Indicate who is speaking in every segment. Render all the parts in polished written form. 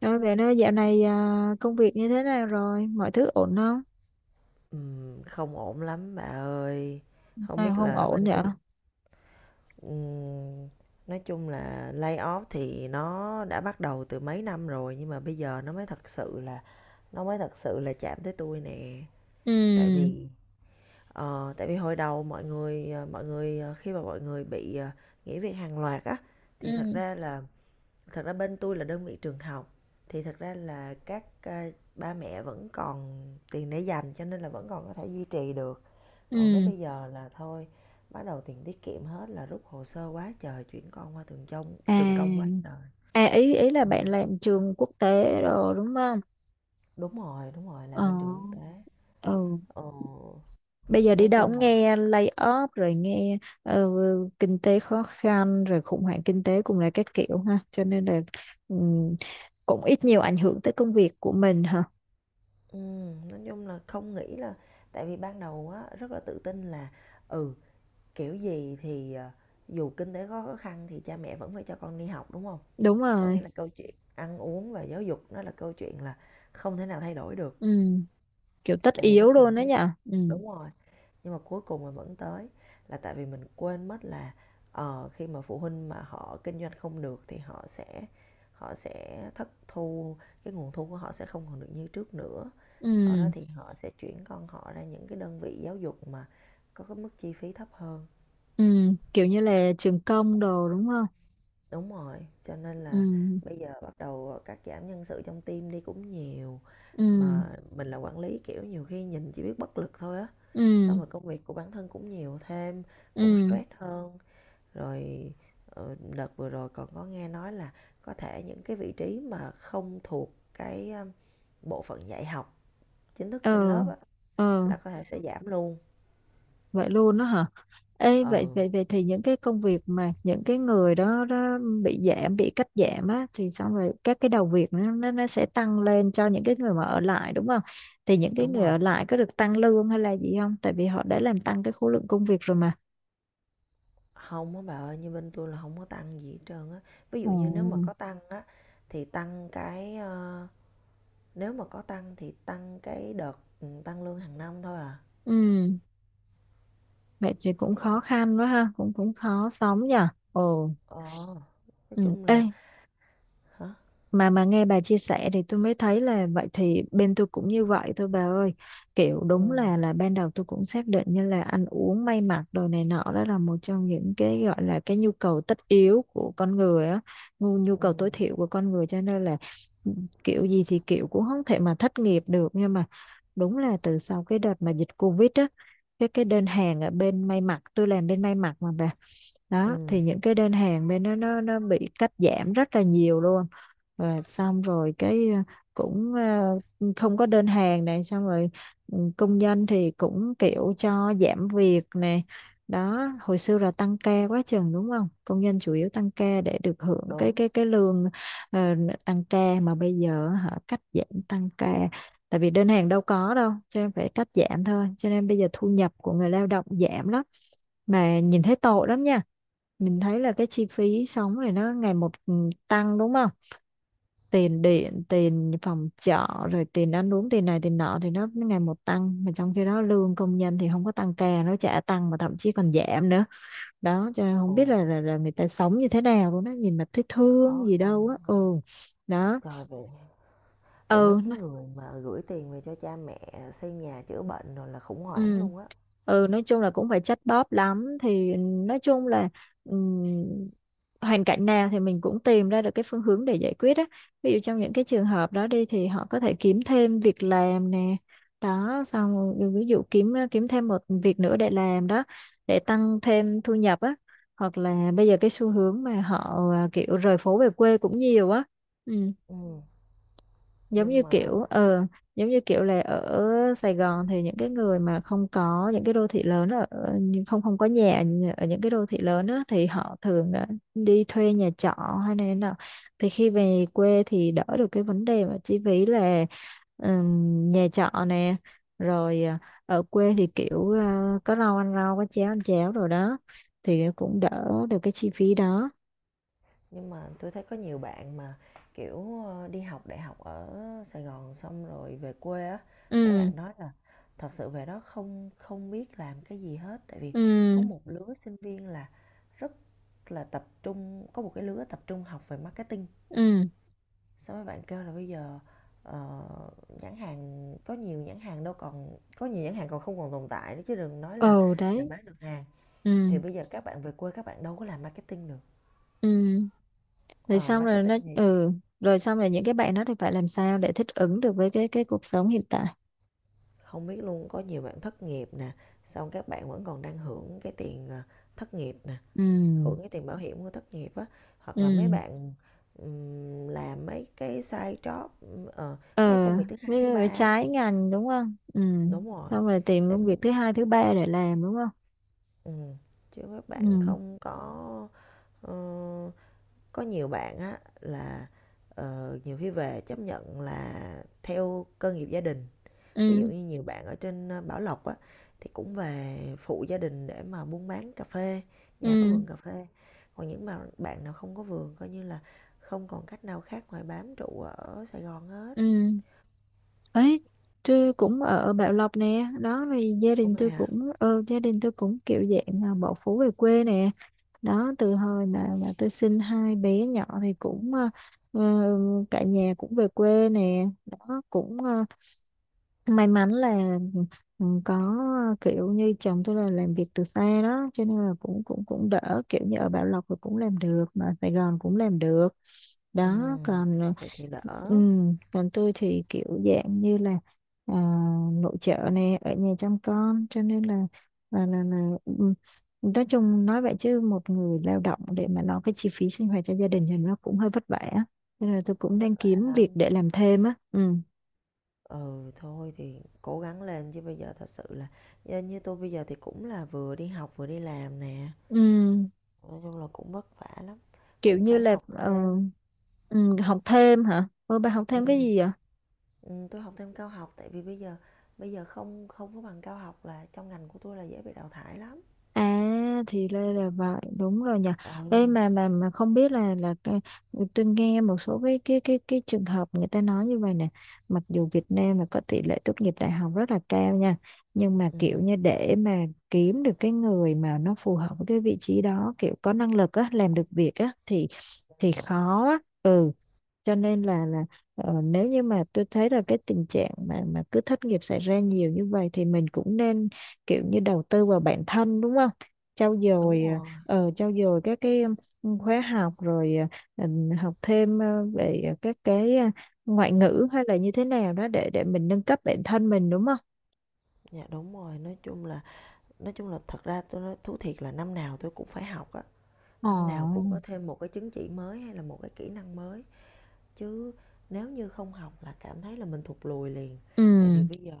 Speaker 1: Nói về nó dạo này à, công việc như thế nào rồi? Mọi thứ ổn không?
Speaker 2: Không ổn lắm bà ơi. Không
Speaker 1: Nào
Speaker 2: biết
Speaker 1: không
Speaker 2: là
Speaker 1: ổn
Speaker 2: bên
Speaker 1: vậy?
Speaker 2: công ừm, nói chung là layoff thì nó đã bắt đầu từ mấy năm rồi nhưng mà bây giờ nó mới thật sự là chạm tới tôi nè. Tại
Speaker 1: Ừ,
Speaker 2: vì tại vì hồi đầu khi mà mọi người bị nghỉ việc hàng loạt á thì
Speaker 1: ừ,
Speaker 2: thật ra bên tôi là đơn vị trường học, thì thật ra là ba mẹ vẫn còn tiền để dành, cho nên là vẫn còn có thể duy trì được. Còn tới
Speaker 1: ừ.
Speaker 2: bây giờ là thôi, bắt đầu tiền tiết kiệm hết là rút hồ sơ quá trời, chuyển con qua trường công quá
Speaker 1: À,
Speaker 2: trời.
Speaker 1: à ý ý là
Speaker 2: Ừ.
Speaker 1: bạn làm trường quốc tế rồi đúng không?
Speaker 2: Đúng rồi, đúng rồi,
Speaker 1: Ờ,
Speaker 2: làm bên trường quốc tế.
Speaker 1: ừ.
Speaker 2: ờ,
Speaker 1: Bây giờ đi
Speaker 2: nói
Speaker 1: đâu
Speaker 2: chung
Speaker 1: cũng
Speaker 2: là,
Speaker 1: nghe lay off rồi nghe ờ, kinh tế khó khăn rồi khủng hoảng kinh tế cùng là các kiểu ha. Cho nên là ừ, cũng ít nhiều ảnh hưởng tới công việc của mình hả?
Speaker 2: ừ, nói chung là không nghĩ là, tại vì ban đầu á rất là tự tin là, ừ kiểu gì thì dù kinh tế có khó khăn thì cha mẹ vẫn phải cho con đi học, đúng không?
Speaker 1: Đúng
Speaker 2: Có nghĩa
Speaker 1: rồi.
Speaker 2: là câu chuyện ăn uống và giáo dục nó là câu chuyện là không thể nào thay đổi được,
Speaker 1: Ừ, kiểu tất
Speaker 2: tại vì nó
Speaker 1: yếu luôn
Speaker 2: cần
Speaker 1: đó
Speaker 2: thiết.
Speaker 1: nhở? Ừ.
Speaker 2: Đúng rồi, nhưng mà cuối cùng mà vẫn tới là tại vì mình quên mất là, khi mà phụ huynh mà họ kinh doanh không được thì họ sẽ thất thu, cái nguồn thu của họ sẽ không còn được như trước nữa.
Speaker 1: Ừ.
Speaker 2: Sau đó thì họ sẽ chuyển con họ ra những cái đơn vị giáo dục mà có cái mức chi phí thấp hơn.
Speaker 1: Ừ, kiểu như là trường công đồ đúng không?
Speaker 2: Đúng rồi, cho nên là
Speaker 1: Ừ,
Speaker 2: bây giờ bắt đầu cắt giảm nhân sự trong team đi cũng nhiều.
Speaker 1: ừ,
Speaker 2: Mà mình là quản lý, kiểu nhiều khi nhìn chỉ biết bất lực thôi á, xong
Speaker 1: ừ,
Speaker 2: rồi công việc của bản thân cũng nhiều thêm, cũng
Speaker 1: ừ,
Speaker 2: stress hơn rồi. Đợt vừa rồi còn có nghe nói là có thể những cái vị trí mà không thuộc cái bộ phận dạy học chính thức trên
Speaker 1: ờ,
Speaker 2: lớp á,
Speaker 1: ờ,
Speaker 2: là có thể sẽ giảm luôn.
Speaker 1: vậy luôn đó hả? Ê, vậy
Speaker 2: Ừ,
Speaker 1: vậy vậy thì những cái công việc mà những cái người đó đó bị giảm bị cắt giảm á, thì xong rồi các cái đầu việc nó sẽ tăng lên cho những cái người mà ở lại đúng không? Thì những cái
Speaker 2: đúng
Speaker 1: người
Speaker 2: rồi,
Speaker 1: ở lại có được tăng lương hay là gì không? Tại vì họ đã làm tăng cái khối lượng công việc rồi mà.
Speaker 2: không á bà ơi, như bên tôi là không có tăng gì hết trơn á. Ví dụ
Speaker 1: Ồ.
Speaker 2: như nếu mà có tăng á thì nếu mà có tăng thì tăng cái đợt tăng lương hàng năm thôi à.
Speaker 1: Ừ, vậy thì cũng
Speaker 2: Chứ
Speaker 1: khó
Speaker 2: mà,
Speaker 1: khăn quá ha, cũng cũng khó sống nhỉ. Ồ.
Speaker 2: ờ nói
Speaker 1: Ừ.
Speaker 2: chung
Speaker 1: Ê,
Speaker 2: là, hả,
Speaker 1: mà nghe bà chia sẻ thì tôi mới thấy là vậy thì bên tôi cũng như vậy thôi bà ơi. Kiểu
Speaker 2: ừ,
Speaker 1: đúng là ban đầu tôi cũng xác định như là ăn uống may mặc đồ này nọ đó là một trong những cái gọi là cái nhu cầu tất yếu của con người á, nhu
Speaker 2: ừ,
Speaker 1: cầu tối thiểu của con người, cho nên là ừ, kiểu gì thì kiểu cũng không thể mà thất nghiệp được. Nhưng mà đúng là từ sau cái đợt mà dịch Covid á, cái đơn hàng ở bên may mặc, tôi làm bên may mặc mà bà,
Speaker 2: ừ,
Speaker 1: đó thì những cái đơn hàng bên nó bị cắt giảm rất là nhiều luôn. Và xong rồi cái cũng ờ, không có đơn hàng này. Xong rồi công nhân thì cũng kiểu cho giảm việc này đó. Hồi xưa là tăng ca quá chừng đúng không, công nhân chủ yếu tăng ca để được hưởng cái
Speaker 2: đúng.
Speaker 1: cái lương ờ, tăng ca, mà bây giờ họ cắt giảm tăng ca, tại vì đơn hàng đâu có đâu cho nên phải cắt giảm thôi. Cho nên bây giờ thu nhập của người lao động giảm lắm, mà nhìn thấy tội lắm nha. Mình thấy là cái chi phí sống này nó ngày một tăng đúng không, tiền điện tiền phòng trọ rồi tiền ăn uống tiền này tiền nọ thì nó ngày một tăng, mà trong khi đó lương công nhân thì không có tăng ca, nó chả tăng mà thậm chí còn giảm nữa đó. Cho nên không biết là,
Speaker 2: Ồ,
Speaker 1: là người ta sống như thế nào luôn đó, nhìn mà thấy thương
Speaker 2: khó
Speaker 1: gì đâu
Speaker 2: khăn
Speaker 1: á.
Speaker 2: ha.
Speaker 1: Ừ, đó.
Speaker 2: Rồi vậy, vậy mấy
Speaker 1: Ừ.
Speaker 2: cái người mà gửi tiền về cho cha mẹ xây nhà chữa bệnh rồi là khủng hoảng
Speaker 1: Ừ.
Speaker 2: luôn á.
Speaker 1: Ừ, nói chung là cũng phải chắt bóp lắm, thì nói chung là ừm, hoàn cảnh nào thì mình cũng tìm ra được cái phương hướng để giải quyết á. Ví dụ trong những cái trường hợp đó đi, thì họ có thể kiếm thêm việc làm nè, đó xong rồi ví dụ kiếm kiếm thêm một việc nữa để làm đó, để tăng thêm thu nhập á. Hoặc là bây giờ cái xu hướng mà họ kiểu rời phố về quê cũng nhiều á. Ừ,
Speaker 2: Ừm,
Speaker 1: giống như
Speaker 2: nhưng mà
Speaker 1: kiểu là ở Sài Gòn thì những cái người mà không có những cái đô thị lớn ở ở- nhưng không không có nhà ở những cái đô thị lớn á, thì họ thường đi thuê nhà trọ hay này thế nào, thì khi về quê thì đỡ được cái vấn đề mà chi phí là nhà trọ nè, rồi ở quê thì kiểu có rau ăn rau có cháo ăn cháo rồi đó, thì cũng đỡ được cái chi phí đó.
Speaker 2: nhưng mà tôi thấy có nhiều bạn mà, kiểu, đi học đại học ở Sài Gòn xong rồi về quê á, mấy
Speaker 1: Ừ,
Speaker 2: bạn nói là thật sự về đó không không biết làm cái gì hết. Tại vì có
Speaker 1: ừ,
Speaker 2: một lứa sinh viên là rất là tập trung, có một cái lứa tập trung học về marketing.
Speaker 1: ừ,
Speaker 2: Sao mấy bạn kêu là bây giờ, ờ, nhãn hàng có nhiều nhãn hàng đâu còn, có nhiều nhãn hàng còn không còn tồn tại nữa chứ đừng nói
Speaker 1: ừ,
Speaker 2: là
Speaker 1: đấy,
Speaker 2: bán được hàng.
Speaker 1: ừ,
Speaker 2: Thì bây giờ các bạn về quê các bạn đâu có làm marketing được.
Speaker 1: ừ, rồi
Speaker 2: Ờ,
Speaker 1: xong rồi
Speaker 2: marketing
Speaker 1: nó
Speaker 2: thì
Speaker 1: ừ, rồi xong rồi những cái bạn đó thì phải làm sao để thích ứng được với cái cuộc sống hiện tại.
Speaker 2: không biết luôn, có nhiều bạn thất nghiệp nè, xong các bạn vẫn còn đang hưởng cái tiền, thất nghiệp nè,
Speaker 1: Ừ,
Speaker 2: hưởng cái tiền bảo hiểm của thất nghiệp á, hoặc là mấy
Speaker 1: ừ,
Speaker 2: bạn, làm mấy cái side job, mấy
Speaker 1: ờ
Speaker 2: công việc thứ hai, thứ
Speaker 1: với
Speaker 2: ba.
Speaker 1: trái ngành đúng không? Ừ,
Speaker 2: Đúng rồi,
Speaker 1: xong rồi tìm
Speaker 2: để
Speaker 1: công việc thứ hai thứ ba để làm đúng không?
Speaker 2: Ừm, chứ các bạn
Speaker 1: Ừ,
Speaker 2: không có ờ, có nhiều bạn á là, nhiều khi về chấp nhận là theo cơ nghiệp gia đình. Ví dụ
Speaker 1: ừ,
Speaker 2: như nhiều bạn ở trên, Bảo Lộc á, thì cũng về phụ gia đình để mà buôn bán cà phê, nhà có
Speaker 1: ừ,
Speaker 2: vườn cà phê. Còn những bạn bạn nào không có vườn coi như là không còn cách nào khác ngoài bám trụ ở Sài Gòn hết.
Speaker 1: ừ, ấy, tôi cũng ở Bảo Lộc nè. Đó thì
Speaker 2: Ủa vậy hả?
Speaker 1: gia đình tôi cũng kiểu dạng là bỏ phố về quê nè. Đó từ hồi mà tôi sinh hai bé nhỏ thì cũng ờ, cả nhà cũng về quê nè. Đó cũng may mắn là có kiểu như chồng tôi là làm việc từ xa, đó cho nên là cũng cũng cũng đỡ, kiểu như ở Bảo Lộc thì cũng làm được mà Sài Gòn cũng làm được đó.
Speaker 2: Ừm,
Speaker 1: Còn
Speaker 2: vậy thì đỡ,
Speaker 1: ừ, còn tôi thì kiểu dạng như là à, nội trợ nè, ở nhà chăm con, cho nên là là ừ, nói chung nói vậy chứ một người lao động để mà lo cái chi phí sinh hoạt cho gia đình thì nó cũng hơi vất vả, nên là tôi cũng
Speaker 2: vất
Speaker 1: đang
Speaker 2: vả
Speaker 1: kiếm việc
Speaker 2: lắm.
Speaker 1: để làm thêm á. Ừ.
Speaker 2: Ừ, thôi thì cố gắng lên, chứ bây giờ thật sự là như tôi bây giờ thì cũng là vừa đi học vừa đi làm nè.
Speaker 1: Ừ,
Speaker 2: Nói chung là cũng vất vả lắm,
Speaker 1: kiểu
Speaker 2: cũng
Speaker 1: như
Speaker 2: phải
Speaker 1: là
Speaker 2: học thêm.
Speaker 1: học thêm hả? Ừ, bà học
Speaker 2: Ừ.
Speaker 1: thêm cái gì vậy?
Speaker 2: Ừ, tôi học thêm cao học, tại vì bây giờ không không có bằng cao học là trong ngành của tôi là dễ bị đào thải lắm.
Speaker 1: À thì đây là vậy đúng rồi nhỉ.
Speaker 2: Ừ.
Speaker 1: Đây mà không biết là cái- tôi nghe một số cái cái trường hợp người ta nói như vậy nè. Mặc dù Việt Nam là có tỷ lệ tốt nghiệp đại học rất là cao nha, nhưng mà
Speaker 2: Ừ.
Speaker 1: kiểu như để mà kiếm được cái người mà nó phù hợp với cái vị trí đó, kiểu có năng lực á, làm được việc á, thì
Speaker 2: Ừ.
Speaker 1: khó á. Ừ, cho nên là nếu như mà tôi thấy là cái tình trạng mà cứ thất nghiệp xảy ra nhiều như vậy, thì mình cũng nên kiểu như đầu tư vào bản thân đúng không, trau
Speaker 2: Đúng
Speaker 1: dồi
Speaker 2: rồi,
Speaker 1: trau dồi các cái khóa học, rồi ờ, học thêm về các cái ngoại ngữ hay là như thế nào đó, để mình nâng cấp bản thân mình đúng không?
Speaker 2: dạ đúng rồi, nói chung là thật ra tôi nói thú thiệt là năm nào tôi cũng phải học á, năm nào cũng
Speaker 1: Ồ.
Speaker 2: có thêm một cái chứng chỉ mới hay là một cái kỹ năng mới. Chứ nếu như không học là cảm thấy là mình thụt lùi liền, tại vì
Speaker 1: Ừ,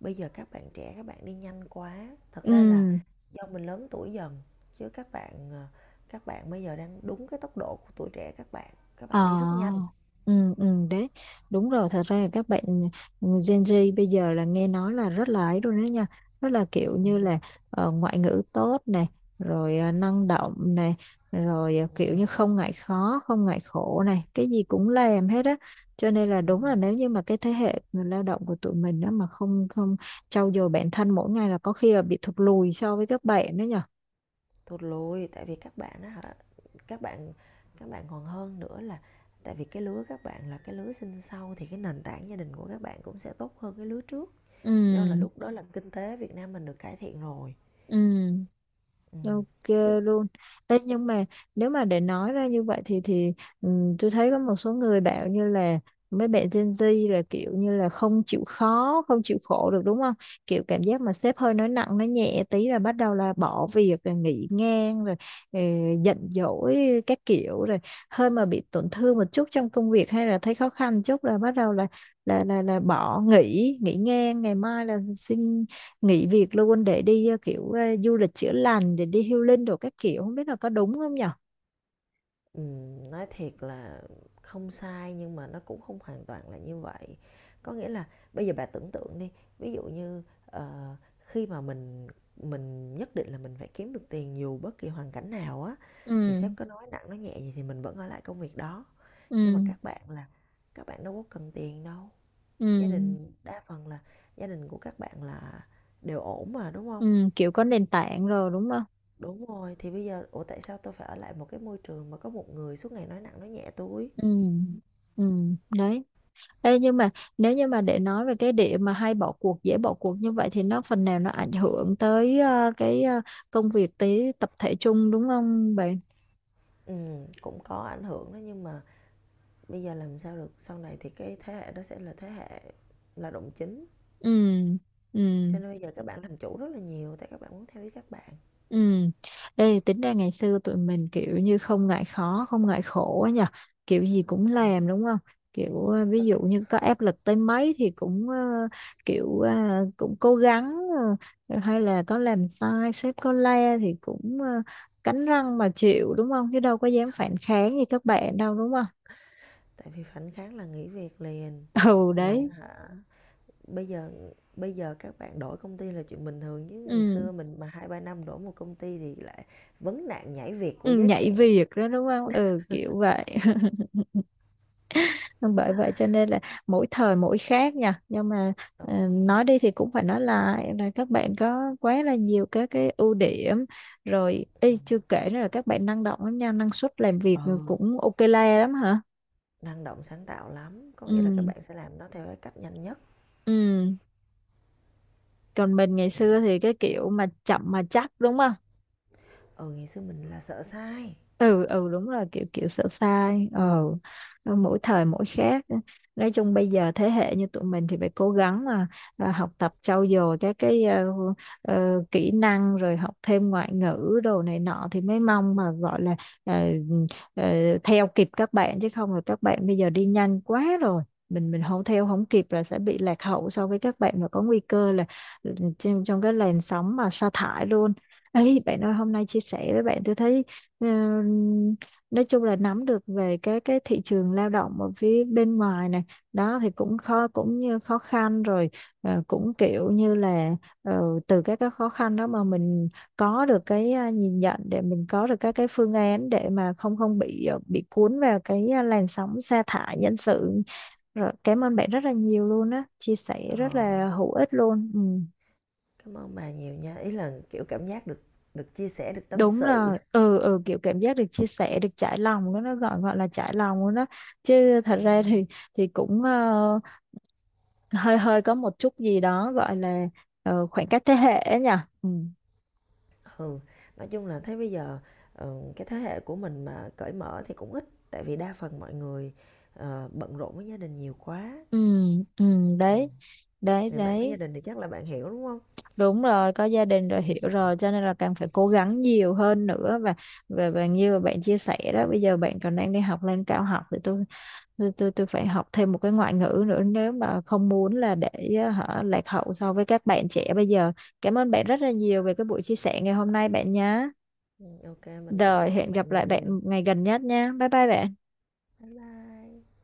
Speaker 2: bây giờ các bạn trẻ các bạn đi nhanh quá, thật ra là
Speaker 1: ừ.
Speaker 2: do mình lớn tuổi dần, chứ các bạn bây giờ đang đúng cái tốc độ của tuổi trẻ, các bạn đi rất nhanh.
Speaker 1: Ờ, ừ, ừ, đấy, đúng rồi, thật ra là các bạn Gen Z bây giờ là nghe nói là rất là ấy luôn đó nha, rất là kiểu
Speaker 2: Ừ,
Speaker 1: như là ngoại ngữ tốt này, rồi năng động này, rồi kiểu
Speaker 2: ừ.
Speaker 1: như không ngại khó, không ngại khổ này, cái gì cũng làm hết á, cho nên là đúng là nếu như mà cái thế hệ người lao động của tụi mình đó mà không không trau dồi bản thân mỗi ngày là có khi là bị thụt lùi so với các bạn đó nhỉ.
Speaker 2: Thụt lùi, tại vì các bạn á các bạn các bạn còn hơn nữa là tại vì cái lứa các bạn là cái lứa sinh sau thì cái nền tảng gia đình của các bạn cũng sẽ tốt hơn cái lứa trước, do là
Speaker 1: Ừ,
Speaker 2: lúc đó là kinh tế Việt Nam mình được cải thiện rồi.
Speaker 1: ừ.
Speaker 2: Ừm,
Speaker 1: Ok
Speaker 2: chứ,
Speaker 1: luôn. Đấy, nhưng mà nếu mà để nói ra như vậy thì tôi thấy có một số người bảo như là mấy bạn Gen Z là kiểu như là không chịu khó, không chịu khổ được đúng không? Kiểu cảm giác mà sếp hơi nói nặng nói nhẹ tí là bắt đầu là bỏ việc rồi nghỉ ngang rồi ờ, giận dỗi các kiểu, rồi hơi mà bị tổn thương một chút trong công việc hay là thấy khó khăn chút là bắt đầu là bỏ nghỉ, ngang, ngày mai là xin nghỉ việc luôn để đi du lịch chữa lành, để đi healing đồ các kiểu, không biết là có đúng không nhở?
Speaker 2: nói thiệt là không sai nhưng mà nó cũng không hoàn toàn là như vậy. Có nghĩa là bây giờ bà tưởng tượng đi, ví dụ như, khi mà mình nhất định là mình phải kiếm được tiền dù bất kỳ hoàn cảnh nào á, thì
Speaker 1: Ừ,
Speaker 2: sếp có nói nặng nói nhẹ gì thì mình vẫn ở lại công việc đó. Nhưng mà
Speaker 1: ừ,
Speaker 2: các bạn đâu có cần tiền đâu, gia
Speaker 1: ừ,
Speaker 2: đình đa phần là gia đình của các bạn là đều ổn mà, đúng không?
Speaker 1: ừ, kiểu có nền tảng rồi đúng không?
Speaker 2: Đúng rồi, thì bây giờ ủa tại sao tôi phải ở lại một cái môi trường mà có một người suốt ngày nói nặng nói nhẹ tôi?
Speaker 1: Ừ, ừ, đấy. Ê, nhưng mà nếu như mà để nói về cái điểm mà hay bỏ cuộc dễ bỏ cuộc như vậy, thì nó phần nào nó ảnh hưởng tới cái công việc tới tập thể chung đúng không bạn?
Speaker 2: Cũng có ảnh hưởng đó, nhưng mà bây giờ làm sao được, sau này thì cái thế hệ đó sẽ là thế hệ là động chính.
Speaker 1: Ừ, ừ,
Speaker 2: Cho nên bây giờ các bạn làm chủ rất là nhiều, tại các bạn muốn theo ý các bạn.
Speaker 1: ừ. Đây tính ra ngày xưa tụi mình kiểu như không ngại khó, không ngại khổ á nhờ. Kiểu gì cũng
Speaker 2: Ờ,
Speaker 1: làm đúng không? Kiểu ví
Speaker 2: đó.
Speaker 1: dụ như có áp lực tới mấy thì cũng kiểu ờ, cũng cố gắng, hay là có làm sai sếp có la thì cũng cắn răng mà chịu đúng không? Chứ đâu có dám phản kháng như các bạn đâu đúng không?
Speaker 2: Tại vì phản kháng là nghỉ việc liền.
Speaker 1: Ừ
Speaker 2: Mà
Speaker 1: đấy.
Speaker 2: hả, bây giờ bây giờ các bạn đổi công ty là chuyện bình thường, chứ ngày
Speaker 1: Ừ.
Speaker 2: xưa mình mà 2 3 năm đổi một công ty thì lại vấn nạn nhảy việc của
Speaker 1: Ừ,
Speaker 2: giới
Speaker 1: nhảy
Speaker 2: trẻ.
Speaker 1: việc đó đúng không? Ừ, kiểu vậy. Vâng, bởi vậy cho nên là mỗi thời mỗi khác nha, nhưng mà
Speaker 2: Đúng rồi.
Speaker 1: nói đi thì cũng phải nói lại là các bạn có quá là nhiều các cái ưu điểm, rồi y chưa kể nữa là các bạn năng động lắm nha, năng suất làm việc
Speaker 2: Ừ.
Speaker 1: cũng ok la lắm hả.
Speaker 2: Năng động sáng tạo lắm, có nghĩa là các
Speaker 1: Ừ,
Speaker 2: bạn sẽ làm nó theo cái cách nhanh nhất.
Speaker 1: ừ, còn mình ngày
Speaker 2: Thì đó,
Speaker 1: xưa thì cái kiểu mà chậm mà chắc đúng không.
Speaker 2: ừ, ngày xưa mình là sợ sai.
Speaker 1: Ừ, ừ, đúng rồi, kiểu kiểu sợ sai. Ờ Mỗi thời mỗi khác, nói chung bây giờ thế hệ như tụi mình thì phải cố gắng mà học tập trau dồi các cái kỹ năng, rồi học thêm ngoại ngữ đồ này nọ thì mới mong mà gọi là ờ, ờ, theo kịp các bạn. Chứ không là các bạn bây giờ đi nhanh quá rồi, mình không theo không kịp là sẽ bị lạc hậu so với các bạn, mà có nguy cơ là trong, cái làn sóng mà sa thải luôn. Ấy bạn ơi, hôm nay chia sẻ với bạn tôi thấy Ờ, nói chung là nắm được về cái thị trường lao động ở phía bên ngoài này, đó thì cũng khó cũng như khó khăn rồi, cũng kiểu như là ờ, từ các cái khó khăn đó mà mình có được cái nhìn nhận để mình có được các cái phương án, để mà không không bị bị cuốn vào cái làn sóng sa thải nhân sự. Rồi, cảm ơn bạn rất là nhiều luôn á, chia sẻ rất
Speaker 2: Ờ,
Speaker 1: là hữu ích luôn. Ừ.
Speaker 2: cảm ơn bà nhiều nha, ý là kiểu cảm giác được được chia sẻ, được tâm
Speaker 1: Đúng
Speaker 2: sự.
Speaker 1: rồi. Ừ, ừ, kiểu cảm giác được chia sẻ được trải lòng đó, nó gọi gọi là trải lòng luôn đó. Chứ thật
Speaker 2: Ừ.
Speaker 1: ra thì cũng hơi hơi có một chút gì đó gọi là khoảng cách thế hệ ấy nhỉ. Ừ.
Speaker 2: Ừ, nói chung là thấy bây giờ cái thế hệ của mình mà cởi mở thì cũng ít, tại vì đa phần mọi người bận rộn với gia đình nhiều quá.
Speaker 1: Ừ, ừ,
Speaker 2: Ừ.
Speaker 1: đấy, đấy,
Speaker 2: Thì bạn có gia
Speaker 1: đấy,
Speaker 2: đình thì chắc là bạn hiểu đúng không?
Speaker 1: đúng rồi, có gia đình rồi hiểu rồi, cho nên là càng phải cố gắng nhiều hơn nữa, và như mà bạn chia sẻ đó, bây giờ bạn còn đang đi học lên cao học, thì tôi phải học thêm một cái ngoại ngữ nữa, nếu mà không muốn là để hả lạc hậu so với các bạn trẻ bây giờ. Cảm ơn bạn rất là nhiều về cái buổi chia sẻ ngày hôm nay bạn nhé,
Speaker 2: Ừ, ok, mình cũng
Speaker 1: rồi
Speaker 2: cảm ơn
Speaker 1: hẹn gặp
Speaker 2: bạn
Speaker 1: lại bạn
Speaker 2: nhiều.
Speaker 1: ngày gần nhất nha, bye bye bạn.
Speaker 2: Bye bye.